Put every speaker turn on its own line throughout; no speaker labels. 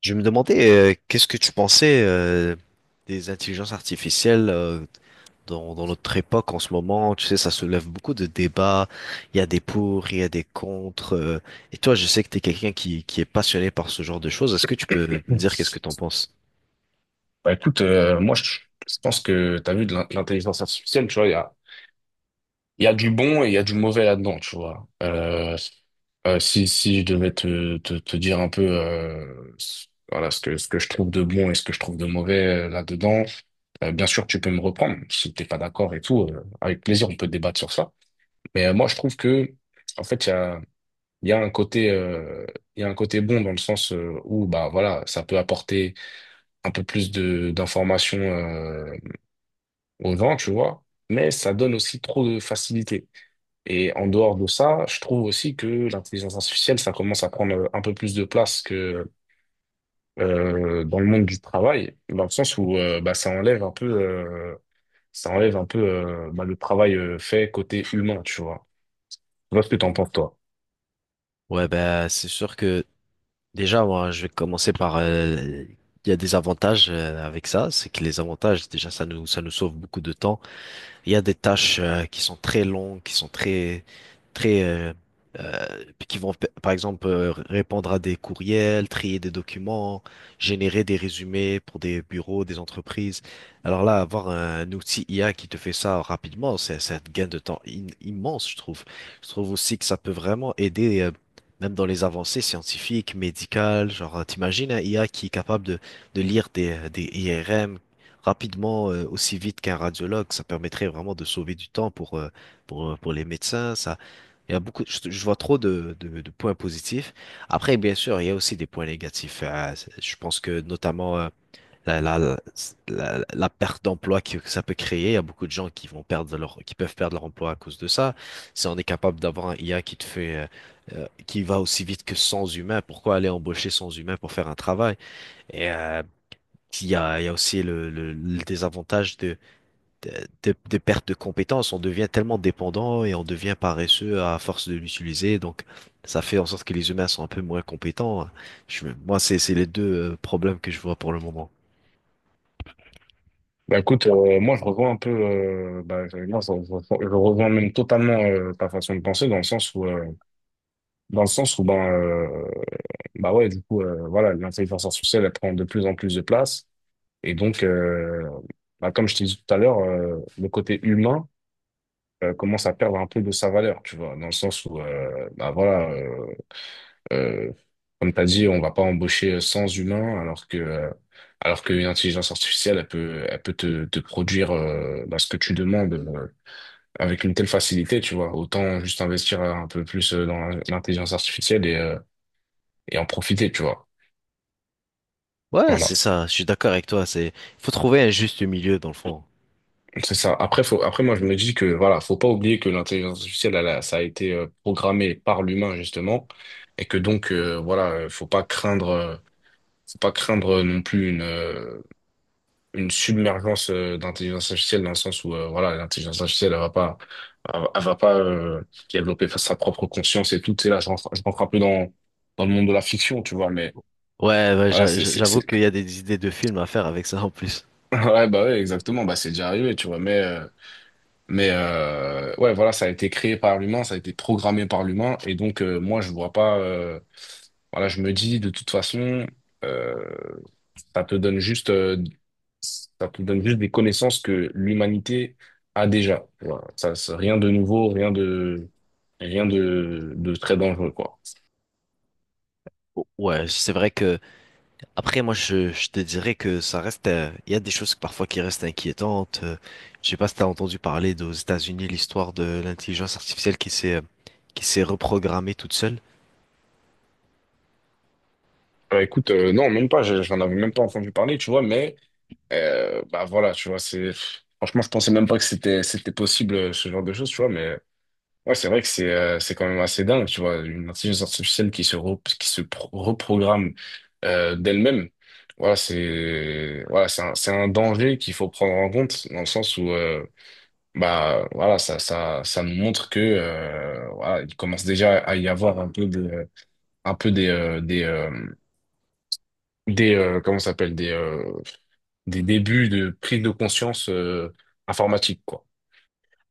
Je me demandais, qu'est-ce que tu pensais des intelligences artificielles dans notre époque en ce moment? Tu sais, ça soulève beaucoup de débats. Il y a des pour, il y a des contre. Et toi, je sais que tu es quelqu'un qui est passionné par ce genre de choses. Est-ce que tu peux me
Bah
dire qu'est-ce que tu en penses?
écoute, moi je pense que t'as vu l'intelligence artificielle, tu vois, il y a du bon et il y a du mauvais là-dedans, tu vois. Si je devais te dire un peu voilà, ce que je trouve de bon et ce que je trouve de mauvais là-dedans. Bien sûr tu peux me reprendre si t'es pas d'accord et tout, avec plaisir on peut débattre sur ça. Mais moi je trouve que en fait il y a un côté il y a un côté bon dans le sens où bah voilà ça peut apporter un peu plus de d'informations, on vend, tu vois, mais ça donne aussi trop de facilité. Et en dehors de ça, je trouve aussi que l'intelligence artificielle, ça commence à prendre un peu plus de place que dans le monde du travail, dans le sens où bah, ça enlève un peu bah, le travail fait côté humain, tu vois. Je vois ce que t'en penses, toi.
Ouais, ben, c'est sûr que déjà, moi, je vais commencer par... il y a des avantages avec ça. C'est que les avantages, déjà, ça nous sauve beaucoup de temps. Il y a des tâches qui sont très longues, qui sont très, euh, euh, par exemple répondre à des courriels, trier des documents, générer des résumés pour des bureaux, des entreprises. Alors là, avoir un outil IA qui te fait ça rapidement, c'est un gain de temps immense, je trouve. Je trouve aussi que ça peut vraiment aider. Même dans les avancées scientifiques, médicales, genre, t'imagines un IA qui est capable de lire des IRM, rapidement, aussi vite qu'un radiologue. Ça permettrait vraiment de sauver du temps pour les médecins. Il y a beaucoup, je vois trop de points positifs. Après, bien sûr, il y a aussi des points négatifs. Je pense que notamment la, la, la perte d'emploi que ça peut créer. Il y a beaucoup de gens qui peuvent perdre leur emploi à cause de ça. Si on est capable d'avoir un IA qui te fait qui va aussi vite que sans humain, pourquoi aller embaucher sans humain pour faire un travail? Et il y a aussi le désavantage de, de perte de compétences. On devient tellement dépendant et on devient paresseux à force de l'utiliser. Donc, ça fait en sorte que les humains sont un peu moins compétents. C'est les deux problèmes que je vois pour le moment.
Bah écoute, moi je revois un peu, bah, je, moi, je revois même totalement ta façon de penser dans le sens où dans le sens où ben euh, bah ouais du coup voilà l'intelligence artificielle elle prend de plus en plus de place et donc bah, comme je t'ai dit tout à l'heure le côté humain commence à perdre un peu de sa valeur tu vois dans le sens où bah voilà euh, comme t'as dit on va pas embaucher sans humain alors qu'une intelligence artificielle elle peut te produire bah, ce que tu demandes avec une telle facilité tu vois autant juste investir un peu plus dans l'intelligence artificielle et en profiter, tu vois.
Ouais,
Voilà,
c'est ça. Je suis d'accord avec toi. C'est, faut trouver un juste milieu dans le fond.
c'est ça. Après, moi, je me dis que, voilà, faut pas oublier que l'intelligence artificielle, ça a été programmé par l'humain, justement, et que donc, voilà, faut pas craindre non plus une submergence d'intelligence artificielle dans le sens où, voilà, l'intelligence artificielle, elle va pas développer sa propre conscience et tout. Tu sais, là, je rentre un peu dans le monde de la fiction, tu vois, mais
Ouais, ouais,
voilà,
j'avoue qu'il y a des idées de films à faire avec ça en plus.
ouais, bah ouais, exactement, bah c'est déjà arrivé, tu vois, mais ouais, voilà, ça a été créé par l'humain, ça a été programmé par l'humain. Et donc, moi, je vois pas. Voilà, je me dis, de toute façon, euh, ça te donne juste, euh, ça te donne juste des connaissances que l'humanité a déjà. Voilà. Ça, c'est rien de nouveau, rien de très dangereux, quoi.
Ouais, c'est vrai que après, moi, je te dirais que ça reste, il y a des choses parfois qui restent inquiétantes. Je sais pas si t'as entendu parler d'aux États-Unis l'histoire de l'intelligence artificielle qui s'est reprogrammée toute seule.
Bah, écoute, non, même pas, j'en avais même pas entendu parler, tu vois, mais bah voilà, tu vois, c'est. Franchement, je pensais même pas que c'était possible ce genre de choses, tu vois, mais ouais, c'est vrai que c'est quand même assez dingue, tu vois, une intelligence artificielle qui se re- qui se pro- reprogramme d'elle-même. Voilà, c'est voilà, c'est un danger qu'il faut prendre en compte dans le sens où bah voilà, ça nous montre que voilà, il commence déjà à y avoir un peu des comment ça s'appelle des débuts de prise de conscience informatique quoi.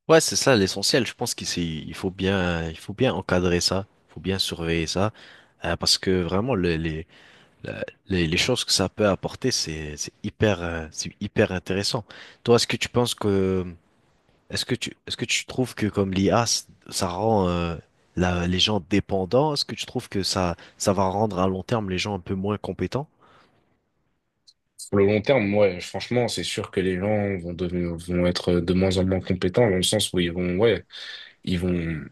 Ouais, c'est ça l'essentiel. Je pense il faut bien encadrer ça, il faut bien surveiller ça, parce que vraiment les choses que ça peut apporter, c'est hyper intéressant. Toi, est-ce que tu penses que est-ce que est-ce que tu trouves que comme l'IA, ça rend les gens dépendants? Est-ce que tu trouves que ça va rendre à long terme les gens un peu moins compétents?
Sur le long terme, ouais, franchement, c'est sûr que les gens vont être de moins en moins compétents dans le sens où ils vont, ouais, ils vont,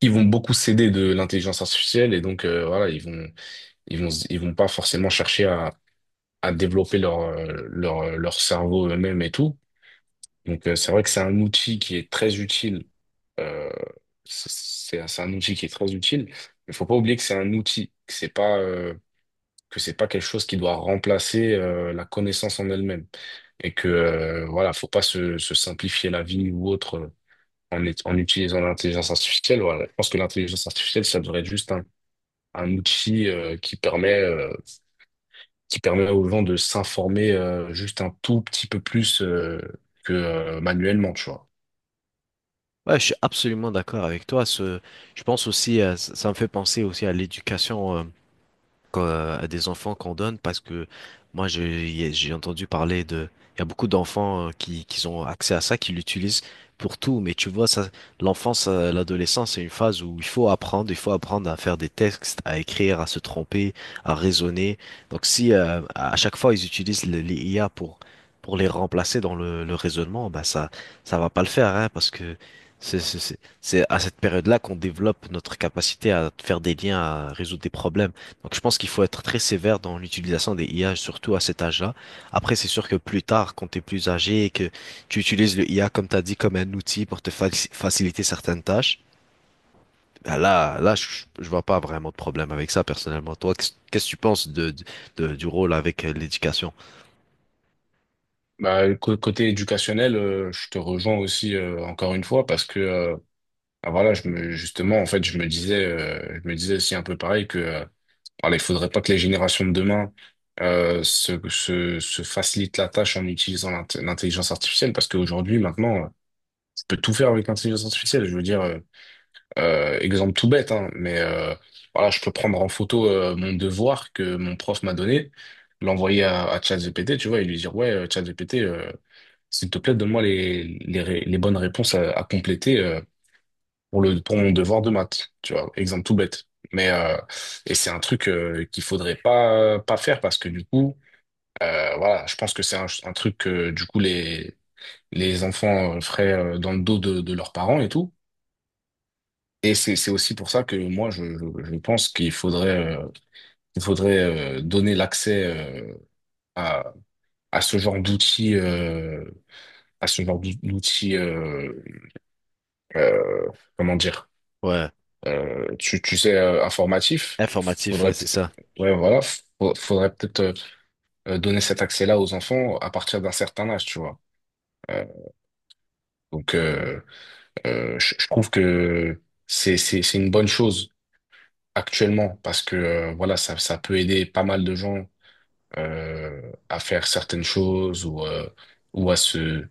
ils vont beaucoup s'aider de l'intelligence artificielle et donc, voilà, ils vont pas forcément chercher à développer leur cerveau eux-mêmes et tout. Donc, c'est vrai que c'est un outil qui est très utile, euh, c'est, c'est un outil qui est très utile. Il faut pas oublier que c'est un outil, que c'est pas quelque chose qui doit remplacer la connaissance en elle-même et que voilà, faut pas se simplifier la vie ou autre en, en utilisant l'intelligence artificielle. Voilà, je pense que l'intelligence artificielle, ça devrait être juste un outil qui permet aux gens de s'informer juste un tout petit peu plus que manuellement, tu vois.
Ouais, je suis absolument d'accord avec toi. Je pense aussi, ça me fait penser aussi à l'éducation. À des enfants qu'on donne parce que moi j'ai entendu parler de il y a beaucoup d'enfants qui ont accès à ça qui l'utilisent pour tout, mais tu vois, ça l'enfance, l'adolescence, c'est une phase où il faut apprendre, il faut apprendre à faire des textes, à écrire, à se tromper, à raisonner. Donc si à chaque fois ils utilisent les IA pour les remplacer dans le raisonnement, bah ça va pas le faire, hein, parce que c'est à cette période-là qu'on développe notre capacité à faire des liens, à résoudre des problèmes. Donc, je pense qu'il faut être très sévère dans l'utilisation des IA, surtout à cet âge-là. Après, c'est sûr que plus tard, quand tu es plus âgé et que tu utilises le IA, comme tu as dit, comme un outil pour faciliter certaines tâches, là, je vois pas vraiment de problème avec ça, personnellement. Toi, qu'est-ce que tu penses du rôle avec l'éducation?
Bah, côté éducationnel, je te rejoins aussi encore une fois parce que ah, voilà, justement, en fait, je me disais aussi un peu pareil que alors, il faudrait pas que les générations de demain se facilitent la tâche en utilisant l'intelligence artificielle, parce qu'aujourd'hui, maintenant, je peux tout faire avec l'intelligence artificielle. Je veux dire, exemple tout bête, hein, mais voilà, je peux prendre en photo mon devoir que mon prof m'a donné, l'envoyer à ChatGPT, tu vois, et lui dire, ouais, ChatGPT, s'il te plaît, donne-moi les bonnes réponses à compléter. Pour mon devoir de maths, tu vois, exemple tout bête. Mais et c'est un truc qu'il faudrait pas faire parce que du coup, voilà, je pense que c'est un truc que du coup les enfants feraient dans le dos de leurs parents et tout. Et c'est aussi pour ça que moi je pense qu'il faudrait il faudrait donner l'accès à à ce genre d'outils à ce genre d'outils euh, euh, comment dire.
Ouais,
Tu sais, informatif,
informatif, ouais, c'est ça.
ouais, voilà, faudrait peut-être donner cet accès-là aux enfants à partir d'un certain âge, tu vois. Euh, donc, je trouve que c'est une bonne chose actuellement parce que, voilà, ça peut aider pas mal de gens à faire certaines choses ou, ou à se,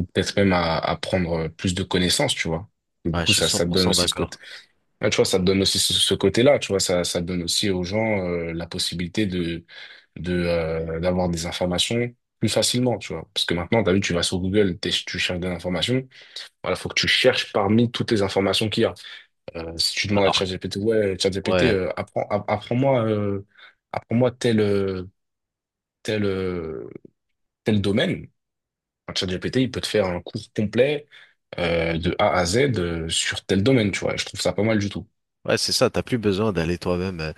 ou peut-être même à prendre plus de connaissances, tu vois. Et du
Ouais,
coup,
je suis cent
ça te
pour
donne
cent
aussi ce côté.
d'accord.
Ah, tu vois, ça te donne aussi ce côté-là, tu vois, ça donne aussi aux gens la possibilité de, d'avoir des informations plus facilement, tu vois. Parce que maintenant, tu as vu, tu vas sur Google, tu cherches des informations, voilà, faut que tu cherches parmi toutes les informations qu'il y a. Si tu demandes à
Alors,
ChatGPT, ouais, ChatGPT,
ouais.
apprends-moi apprends-moi tel, euh, tel, euh, tel, domaine. Un ChatGPT, il peut te faire un cours complet de A à Z sur tel domaine, tu vois. Et je trouve ça pas mal du tout.
Ouais, c'est ça, t'as plus besoin d'aller toi-même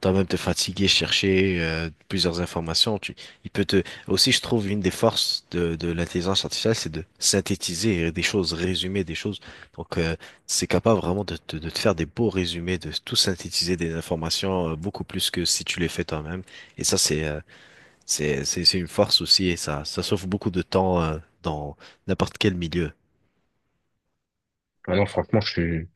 toi-même te fatiguer, chercher plusieurs informations. Il peut te aussi, je trouve, une des forces de l'intelligence artificielle, c'est de synthétiser des choses, résumer des choses. Donc, c'est capable vraiment de te faire des beaux résumés, de tout synthétiser des informations beaucoup plus que si tu les fais toi-même. Et ça, c'est c'est une force aussi, et ça sauve beaucoup de temps dans n'importe quel milieu.
Maintenant, franchement, je suis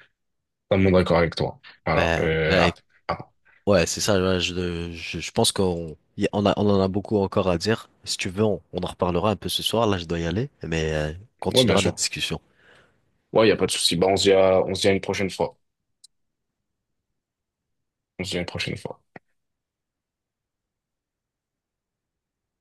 totalement d'accord avec toi. Alors,
Ben, ben,
ap-
Ouais, c'est ça. Ouais, je pense qu'on y on en a beaucoup encore à dire. Si tu veux, on en reparlera un peu ce soir. Là, je dois y aller, mais on
ouais, bien
continuera notre
sûr.
discussion.
Ouais, il n'y a pas de souci. Bah, on se dit à une prochaine fois. On se dit à une prochaine fois.